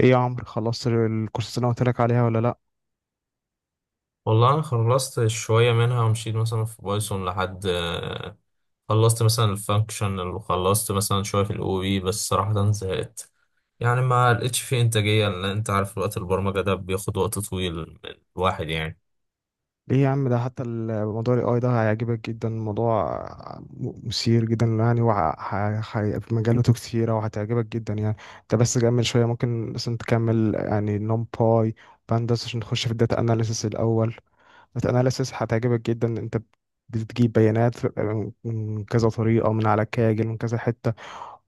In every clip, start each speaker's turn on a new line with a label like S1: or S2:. S1: ايه يا عمرو، خلصت الكورسات اللي انا قلت لك عليها ولا لا؟
S2: والله انا خلصت شويه منها ومشيت مثلا في بايثون لحد، خلصت مثلا الفانكشن وخلصت مثلا شويه في الاو بي. بس صراحه زهقت يعني ما لقيتش فيه انتاجيه، لان انت عارف وقت البرمجه ده بياخد وقت طويل من الواحد يعني.
S1: ليه يا عم، ده حتى الموضوع الاي اي ده هيعجبك جدا. الموضوع مثير جدا يعني، وفي مجالاته كتيره وهتعجبك جدا يعني. انت بس كمل شويه، ممكن مثلا تكمل يعني نمباي بانداس عشان تخش في الداتا اناليسيس الاول. الداتا اناليسيس هتعجبك جدا انت. بتجيب بيانات من كذا طريقه، من على كاجل، من كذا حته،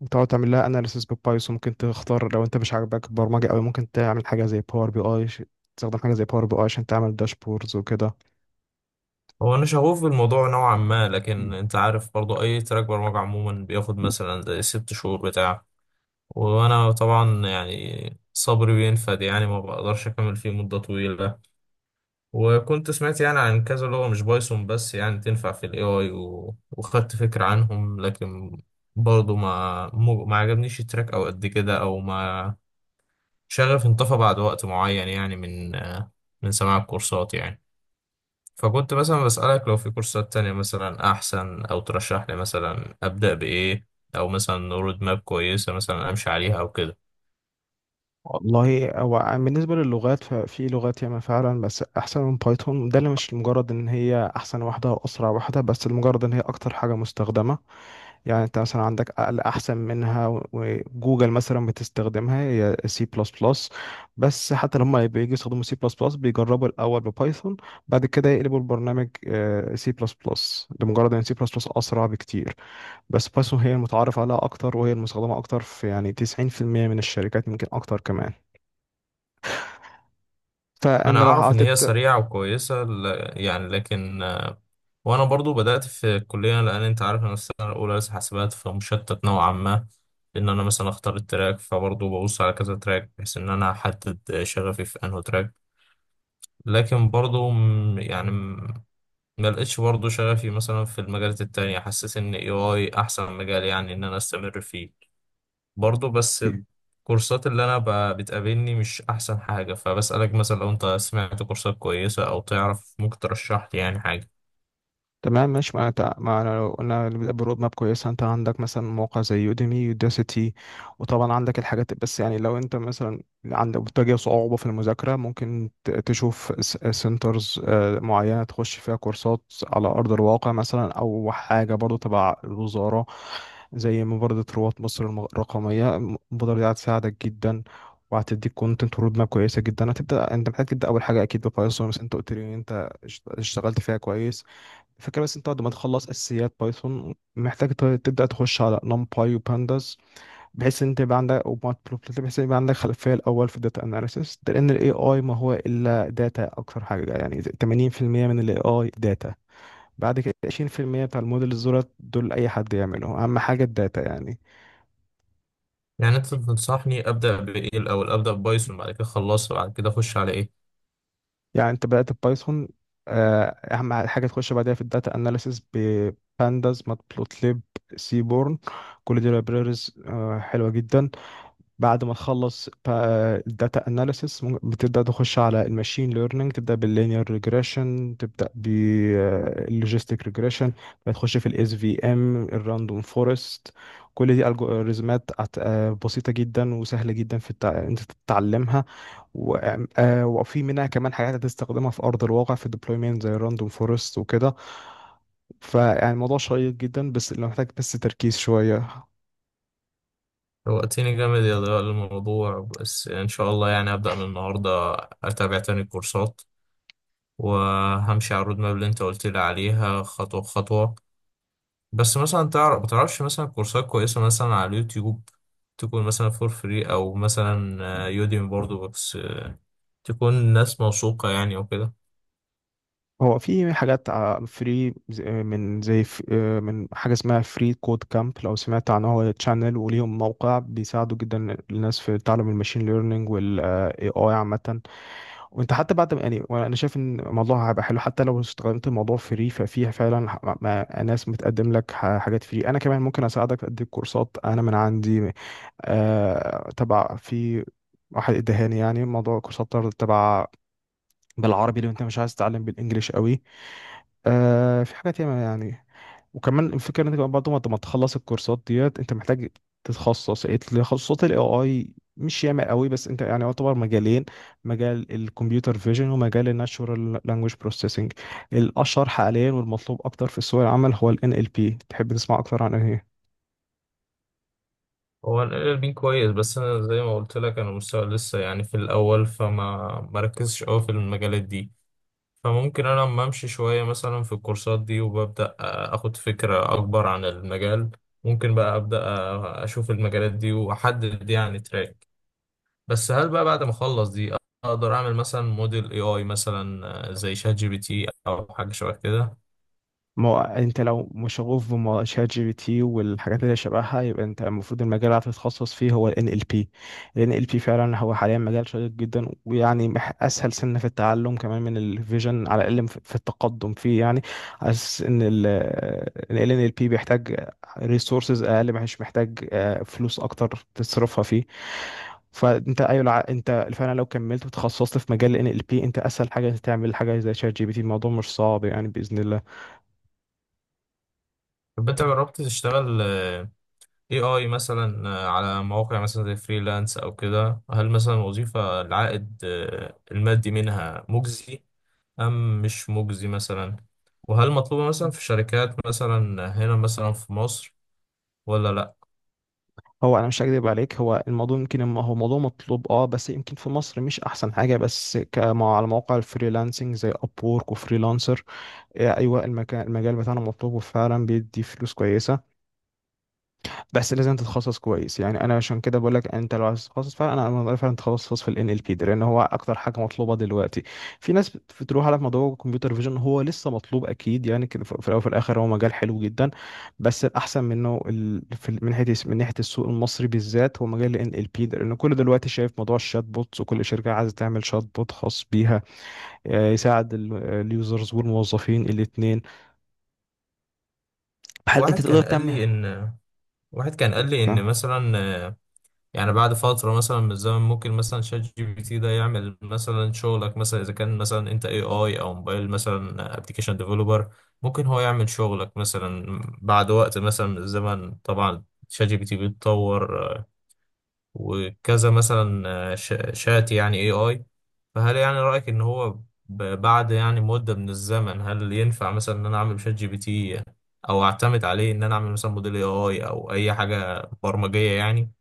S1: وتقعد تعمل لها اناليسيس بالبايثون. ممكن تختار لو انت مش عاجبك البرمجه قوي، ممكن تعمل حاجه زي باور بي اي. تستخدم حاجه زي باور بي اي عشان تعمل داشبوردز وكده.
S2: هو انا شغوف بالموضوع نوعا ما، لكن انت عارف برضو اي تراك برمجه عموما بياخد مثلا زي 6 شهور بتاع. وانا طبعا يعني صبري بينفد، يعني ما بقدرش اكمل فيه مده طويله. وكنت سمعت يعني عن كذا لغة مش بايثون، بس يعني تنفع في الاي اي، وخدت فكرة عنهم، لكن برضه ما عجبنيش التراك او قد كده، او ما شغف انطفى بعد وقت معين يعني من سماع الكورسات يعني. فكنت مثلا بسألك لو في كورسات تانية مثلا أحسن، أو ترشح لي مثلا أبدأ بإيه، أو مثلا رود ماب كويسة مثلا أمشي عليها أو كده.
S1: والله، هو بالنسبه للغات ففي لغات ياما فعلا بس احسن من بايثون، ده اللي مش لمجرد ان هي احسن واحده او اسرع واحده، بس لمجرد ان هي اكتر حاجه مستخدمه. يعني انت مثلا عندك اقل احسن منها، وجوجل مثلا بتستخدمها هي سي بلس بلس. بس حتى لما بييجوا يستخدموا سي بلس بلس بيجربوا الاول ببايثون، بعد كده يقلبوا البرنامج سي بلس بلس، لمجرد ان سي بلس بلس اسرع بكتير. بس بايثون هي المتعارف عليها اكتر، وهي المستخدمه اكتر في يعني 90% من الشركات، يمكن اكتر كمان.
S2: أنا
S1: فانا لو
S2: أعرف إن هي
S1: هتبدا.
S2: سريعة وكويسة يعني لكن. وانا برضو بدات في الكليه، لان انت عارف انا السنه الاولى لسه حاسبات، فمشتت نوعا ما ان انا مثلا اختار التراك، فبرضو ببص على كذا تراك بحيث ان انا احدد شغفي في انه تراك. لكن برضو ما لقيتش برضو شغفي مثلا في المجالات التانية، حسيت ان اي اي احسن مجال يعني ان انا استمر فيه برضو، بس الكورسات اللي انا بتقابلني مش احسن حاجه، فبسالك مثلا لو انت سمعت كورسات كويسه او تعرف ممكن ترشح لي يعني حاجه.
S1: تمام ماشي. ما أنا لو قلنا اللي بيبقى برود ماب كويسة، أنت عندك مثلا موقع زي يوديمي، يوداسيتي، وطبعا عندك الحاجات. بس يعني لو أنت مثلا عندك بتواجه صعوبة في المذاكرة، ممكن تشوف سنترز معينة تخش فيها كورسات على أرض الواقع مثلا، أو حاجة برضو تبع الوزارة، زي مبادرة رواد مصر الرقمية. المبادرة دي هتساعدك جدا، وهتديك كونتنت ورود ماب كويسة جدا. هتبدأ أنت محتاج تبدأ أول حاجة أكيد ببايثون، بس أنت قلت لي إن أنت اشتغلت فيها كويس. الفكرة بس انت بعد ما تخلص اساسيات بايثون محتاج تبدا تخش على نمباي وبانداس، بحيث ان انت يبقى عندك وماتبلوبلت، بحيث ان يبقى عندك خلفيه الاول في الداتا اناليسيس ده، لان الاي اي ما هو الا داتا. اكتر حاجه يعني 80% من الاي اي داتا، بعد كده 20% بتاع الموديل دولت، دول اي حد يعمله، اهم حاجه الداتا يعني.
S2: يعني انت تنصحني ابدا بايه؟ الاول ابدا ببايثون، بعد كده خلصها بعد كده اخش على ايه؟
S1: يعني انت بدات بايثون، اهم حاجه تخش بعدها في الداتا اناليسيس: بانداس، ماتبلوتليب، سيبورن، كل دي لايبريريز حلوه جدا. بعد ما تخلص الداتا اناليسيس بتبدا تخش على الماشين ليرنينج، تبدا باللينير ريجريشن، تبدا باللوجيستيك ريجريشن، بتخش في الاس في ام، الراندوم فورست، كل دي الجوريزمات بسيطه جدا وسهله جدا في انت تتعلمها. وفي منها كمان حاجات هتستخدمها في ارض الواقع في الديبلويمنت زي الراندوم فورست وكده. فيعني الموضوع شيق جدا، بس لو محتاج بس تركيز شويه.
S2: وقتني جامد يا ضياء الموضوع، بس ان شاء الله يعني ابدا من النهارده اتابع تاني الكورسات، وهمشي على الرود ماب اللي انت قلت لي عليها خطوه بخطوه. بس مثلا تعرف ما تعرفش مثلا كورسات كويسه مثلا على اليوتيوب، تكون مثلا فور فري او مثلا يوديمي برضو، بس تكون ناس موثوقه يعني وكده.
S1: هو في حاجات فري، من زي من حاجة اسمها فري كود كامب، لو سمعت عنه، هو تشانل وليهم موقع، بيساعدوا جدا الناس في تعلم الماشين ليرنينج والاي اي عامة. وانت حتى بعد يعني انا شايف ان الموضوع هيبقى حلو حتى لو استخدمت الموضوع فري، ففيها فعلا ناس بتقدم لك حاجات فري. انا كمان ممكن اساعدك، اديك كورسات انا من عندي. تبع في واحد ادهاني، يعني موضوع كورسات تبع بالعربي لو انت مش عايز تتعلم بالانجليش قوي. آه في حاجات ياما يعني. وكمان الفكره ان انت كمان بعد ما تخلص الكورسات ديت انت محتاج تتخصص. إيه، تخصصات الاي اي مش ياما قوي، بس انت يعني يعتبر مجالين: مجال الكمبيوتر فيجن، ومجال الناتشورال لانجويج بروسيسنج. الاشهر حاليا والمطلوب اكتر في سوق العمل هو ال NLP. تحب تسمع اكتر عن ايه؟
S2: هو الاربين كويس، بس انا زي ما قلت لك انا مستوى لسه يعني في الاول، فما مركزش قوي في المجالات دي، فممكن انا لما امشي شويه مثلا في الكورسات دي وببدا اخد فكره اكبر عن المجال، ممكن بقى ابدا اشوف المجالات دي واحدد يعني تراك. بس هل بقى بعد ما اخلص دي اقدر اعمل مثلا موديل اي اي مثلا زي شات جي بي تي او حاجه شبه كده؟
S1: ما هو انت لو مشغوف بشات جي بي تي والحاجات اللي شبهها، يبقى انت المفروض المجال اللي هتتخصص فيه هو ال NLP. ال NLP فعلا هو حاليا مجال شيق جدا، ويعني اسهل سنة في التعلم كمان من الفيجن، على الاقل في التقدم فيه يعني. حاسس ان ال NLP بيحتاج ريسورسز اقل، مش محتاج فلوس اكتر تصرفها فيه. فانت ايوه، انت فعلا لو كملت وتخصصت في مجال ال NLP انت اسهل حاجة تعمل حاجة زي شات جي بي تي، الموضوع مش صعب يعني بإذن الله.
S2: يبقى انت جربت تشتغل اي اي مثلا، على مواقع مثلا زي فريلانس او كده؟ هل مثلا الوظيفة العائد المادي منها مجزي ام مش مجزي مثلا؟ وهل مطلوبة مثلا في شركات مثلا هنا مثلا في مصر ولا لا؟
S1: هو انا مش هكذب عليك، هو الموضوع يمكن هو موضوع مطلوب اه، بس يمكن في مصر مش احسن حاجه، بس كما على مواقع الفريلانسنج زي ابورك وفريلانسر. ايوه، المكان، المجال بتاعنا مطلوب وفعلا بيدي فلوس كويسه. بس لازم تتخصص كويس، يعني انا عشان كده بقول لك انت لو عايز تتخصص فعلا، أنا فعلا تخصص في الان ال بي ده لان هو اكتر حاجه مطلوبه دلوقتي. في ناس بتروح على موضوع الكمبيوتر فيجن. هو لسه مطلوب اكيد يعني كده، في الاول وفي الاخر هو مجال حلو جدا، بس الاحسن منه من ناحيه، السوق المصري بالذات، هو مجال الان ال بي ده، لان كل دلوقتي شايف موضوع الشات بوتس، وكل شركه عايزه تعمل شات بوت خاص بيها. يساعد اليوزرز والموظفين الاثنين. هل انت
S2: واحد
S1: تقدر
S2: كان قال
S1: تعمل؟
S2: لي ان واحد كان قال لي ان مثلا، يعني بعد فترة مثلا من الزمن ممكن مثلا شات جي بي تي ده يعمل مثلا شغلك، مثلا إذا كان مثلا أنت اي اي أو موبايل مثلا ابلكيشن ديفلوبر. ممكن هو يعمل شغلك مثلا بعد وقت مثلا من الزمن. طبعا شات جي بي تي بيتطور، وكذا مثلا، شات يعني اي اي. فهل يعني رأيك إن هو بعد يعني مدة من الزمن هل ينفع مثلا إن أنا أعمل شات جي بي تي، أو أعتمد عليه إن أنا أعمل مثلا موديل اي اي أو أي حاجة برمجية يعني؟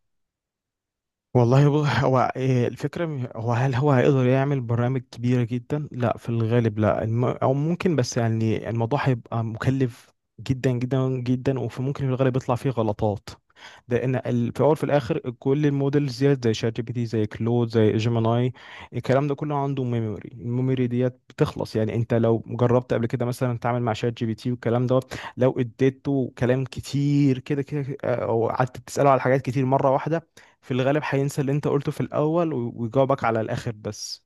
S1: والله هو إيه الفكرة؟ هو هل هو هيقدر يعمل برامج كبيرة جدا؟ لا في الغالب لا، أو ممكن، بس يعني الموضوع هيبقى مكلف جدا جدا جدا، وممكن في الغالب يطلع فيه غلطات. لأن في الأول وفي الآخر كل المودلز ديت زي شات جي بي تي، زي كلود، زي جيميناي، الكلام ده كله عنده ميموري. الميموري ديت بتخلص، يعني أنت لو جربت قبل كده مثلا تعمل مع شات جي بي تي والكلام ده، لو اديته كلام كتير كده كده أو قعدت تسأله على حاجات كتير مرة واحدة، في الغالب هينسى اللي انت قلته في الاول، ويجاوبك على الاخر بس.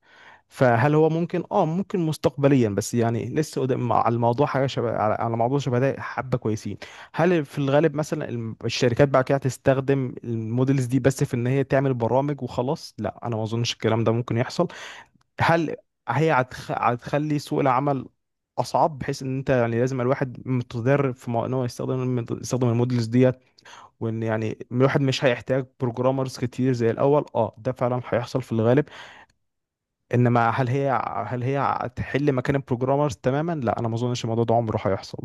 S1: فهل هو ممكن؟ اه ممكن مستقبليا، بس يعني لسه قدام على الموضوع. حاجه شبه، على موضوع شبه ده حبه كويسين. هل في الغالب مثلا الشركات بعد كده هتستخدم المودلز دي بس في ان هي تعمل برامج وخلاص؟ لا، انا ما اظنش الكلام ده ممكن يحصل. هل هتخلي سوق العمل اصعب، بحيث ان انت يعني لازم الواحد متدرب في ان هو يستخدم يستخدم المودلز دي، وان يعني الواحد مش هيحتاج بروجرامرز كتير زي الاول؟ اه ده فعلا هيحصل في الغالب. انما هل هي هتحل مكان البروجرامرز تماما؟ لا انا ما اظنش الموضوع ده عمره هيحصل.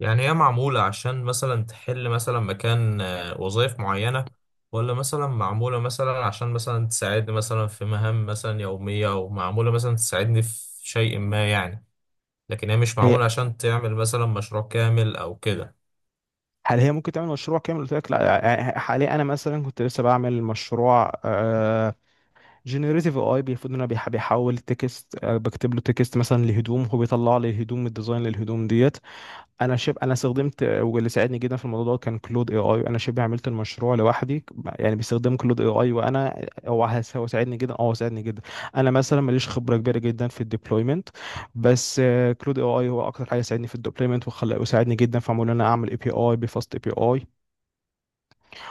S2: يعني هي معمولة عشان مثلا تحل مثلا مكان وظائف معينة، ولا مثلا معمولة مثلا عشان مثلا تساعدني مثلا في مهام مثلا يومية، أو معمولة مثلا تساعدني في شيء ما يعني؟ لكن هي مش
S1: هي
S2: معمولة عشان تعمل مثلا مشروع كامل أو كده.
S1: هل هي ممكن تعمل مشروع كامل؟ قلت لك لا. يعني حاليا انا مثلا كنت لسه بعمل مشروع جنريتيف اي، المفروض ان انا بيحول تكست، بكتب له تكست مثلا لهدوم، هو بيطلع لي الهدوم، الديزاين للهدوم ديت. انا استخدمت، واللي ساعدني جدا في الموضوع ده كان كلود اي اي. انا شبه عملت المشروع لوحدي يعني، باستخدام كلود اي اي. وانا هو هو ساعدني جدا. اه هو ساعدني جدا. انا مثلا ماليش خبره كبيره جدا في الديبلويمنت، بس كلود اي اي هو اكتر حاجه ساعدني في الديبلويمنت، وخلى وساعدني جدا في ان انا اعمل اي بي اي بفاست اي بي اي،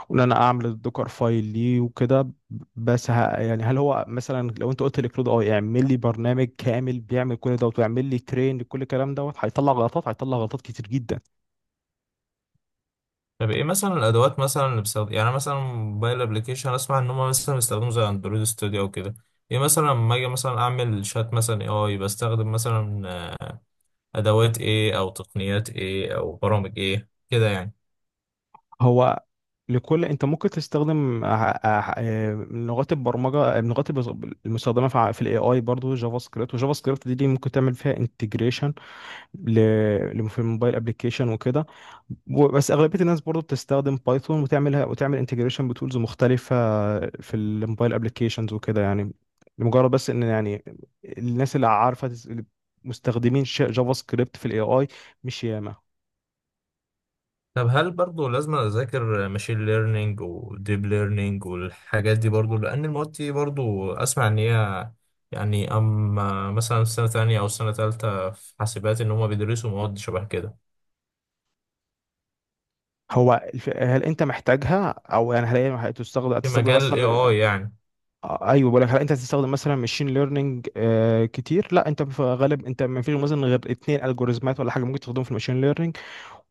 S1: وان انا اعمل الدوكر فايل ليه وكده. بس ه... يعني هل هو مثلا لو انت قلت لكلود اي اعمل لي برنامج كامل بيعمل كل دوت ويعمل لي ترين لكل الكلام دوت، هيطلع غلطات، هيطلع غلطات كتير جدا.
S2: طب إيه مثلا الأدوات مثلا اللي بستخدم يعني؟ مثلا موبايل أبلكيشن أسمع إن هما مثلا بيستخدموا زي أندرويد ستوديو أو كده. إيه مثلا لما أجي مثلا أعمل شات مثلا إيه آي بستخدم مثلا، آه، أدوات إيه أو تقنيات إيه أو برامج إيه كده يعني؟
S1: هو انت ممكن تستخدم لغات البرمجه. لغات المستخدمه في في الاي اي برضه جافا سكريبت. وجافا سكريبت دي، ممكن تعمل فيها انتجريشن في الموبايل ابلكيشن وكده، بس اغلبيه الناس برضه بتستخدم بايثون وتعملها وتعمل انتجريشن بتولز مختلفه في الموبايل ابلكيشنز وكده يعني. لمجرد بس ان يعني الناس اللي عارفه اللي مستخدمين جافا سكريبت في الاي اي مش ياما.
S2: طب هل برضه لازم اذاكر ماشين ليرنينج وديب ليرنينج والحاجات دي برضه، لان المواد دي برضه اسمع ان هي يعني اما مثلا في سنه تانية او سنه تالتة في حاسبات ان هم بيدرسوا مواد شبه كده؟
S1: هل انت محتاجها؟ او يعني هل هي
S2: في
S1: هتستخدم
S2: مجال الاي
S1: مثلا؟
S2: اي يعني.
S1: ايوه، بقول لك، هل انت هتستخدم مثلا ماشين ليرنينج كتير؟ لا، انت في غالب انت ما فيش مثلا غير اتنين الجوريزمات ولا حاجه ممكن تستخدمهم في الماشين ليرنينج،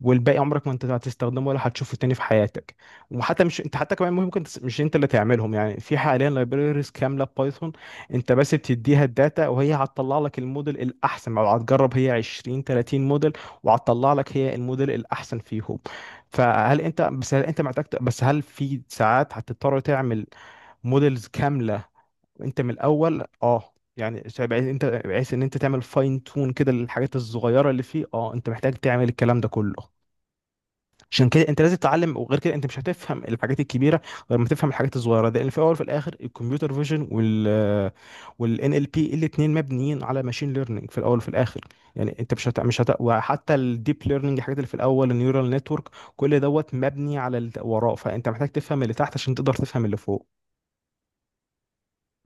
S1: والباقي عمرك ما انت هتستخدمه ولا هتشوفه تاني في حياتك. وحتى مش انت حتى كمان ممكن مش انت اللي تعملهم، يعني في حاليا لايبريز كامله بايثون، انت بس بتديها الداتا وهي هتطلع لك الموديل الاحسن، او هتجرب هي 20 30 موديل، وهتطلع لك هي الموديل الاحسن فيهم. فهل انت بس، هل انت محتاج بس هل في ساعات هتضطر تعمل موديلز كامله انت من الاول؟ اه يعني بحيث انت بحيث ان انت تعمل فاين تون كده للحاجات الصغيره اللي فيه، اه انت محتاج تعمل الكلام ده كله. عشان كده انت لازم تتعلم، وغير كده انت مش هتفهم الحاجات الكبيره غير ما تفهم الحاجات الصغيره ده، لان في الاول وفي الاخر الكمبيوتر فيجن والان ال بي الاثنين مبنيين على ماشين ليرنينج في الاول وفي الاخر. يعني انت مش هت... مش هت... وحتى الديب ليرنينج، الحاجات اللي في الاول النيورال نتورك، كل دوت مبني على اللي وراه، فانت محتاج تفهم اللي تحت عشان تقدر تفهم اللي فوق.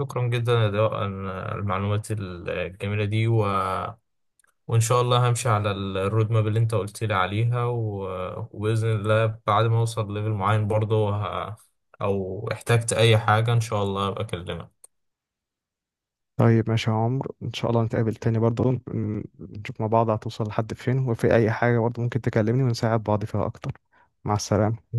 S2: شكرا جدا يا ضياء عن المعلومات الجميله دي، و... وان شاء الله همشي على الرود ماب اللي انت قلت لي عليها، و... وباذن الله بعد ما اوصل ليفل معين برضه، او احتجت اي حاجه ان شاء الله ابقى اكلمك.
S1: طيب ماشي يا عمرو، ان شاء الله نتقابل تاني برضه، نشوف مع بعض هتوصل لحد فين، وفي اي حاجه برضه ممكن تكلمني ونساعد بعض فيها اكتر. مع السلامه.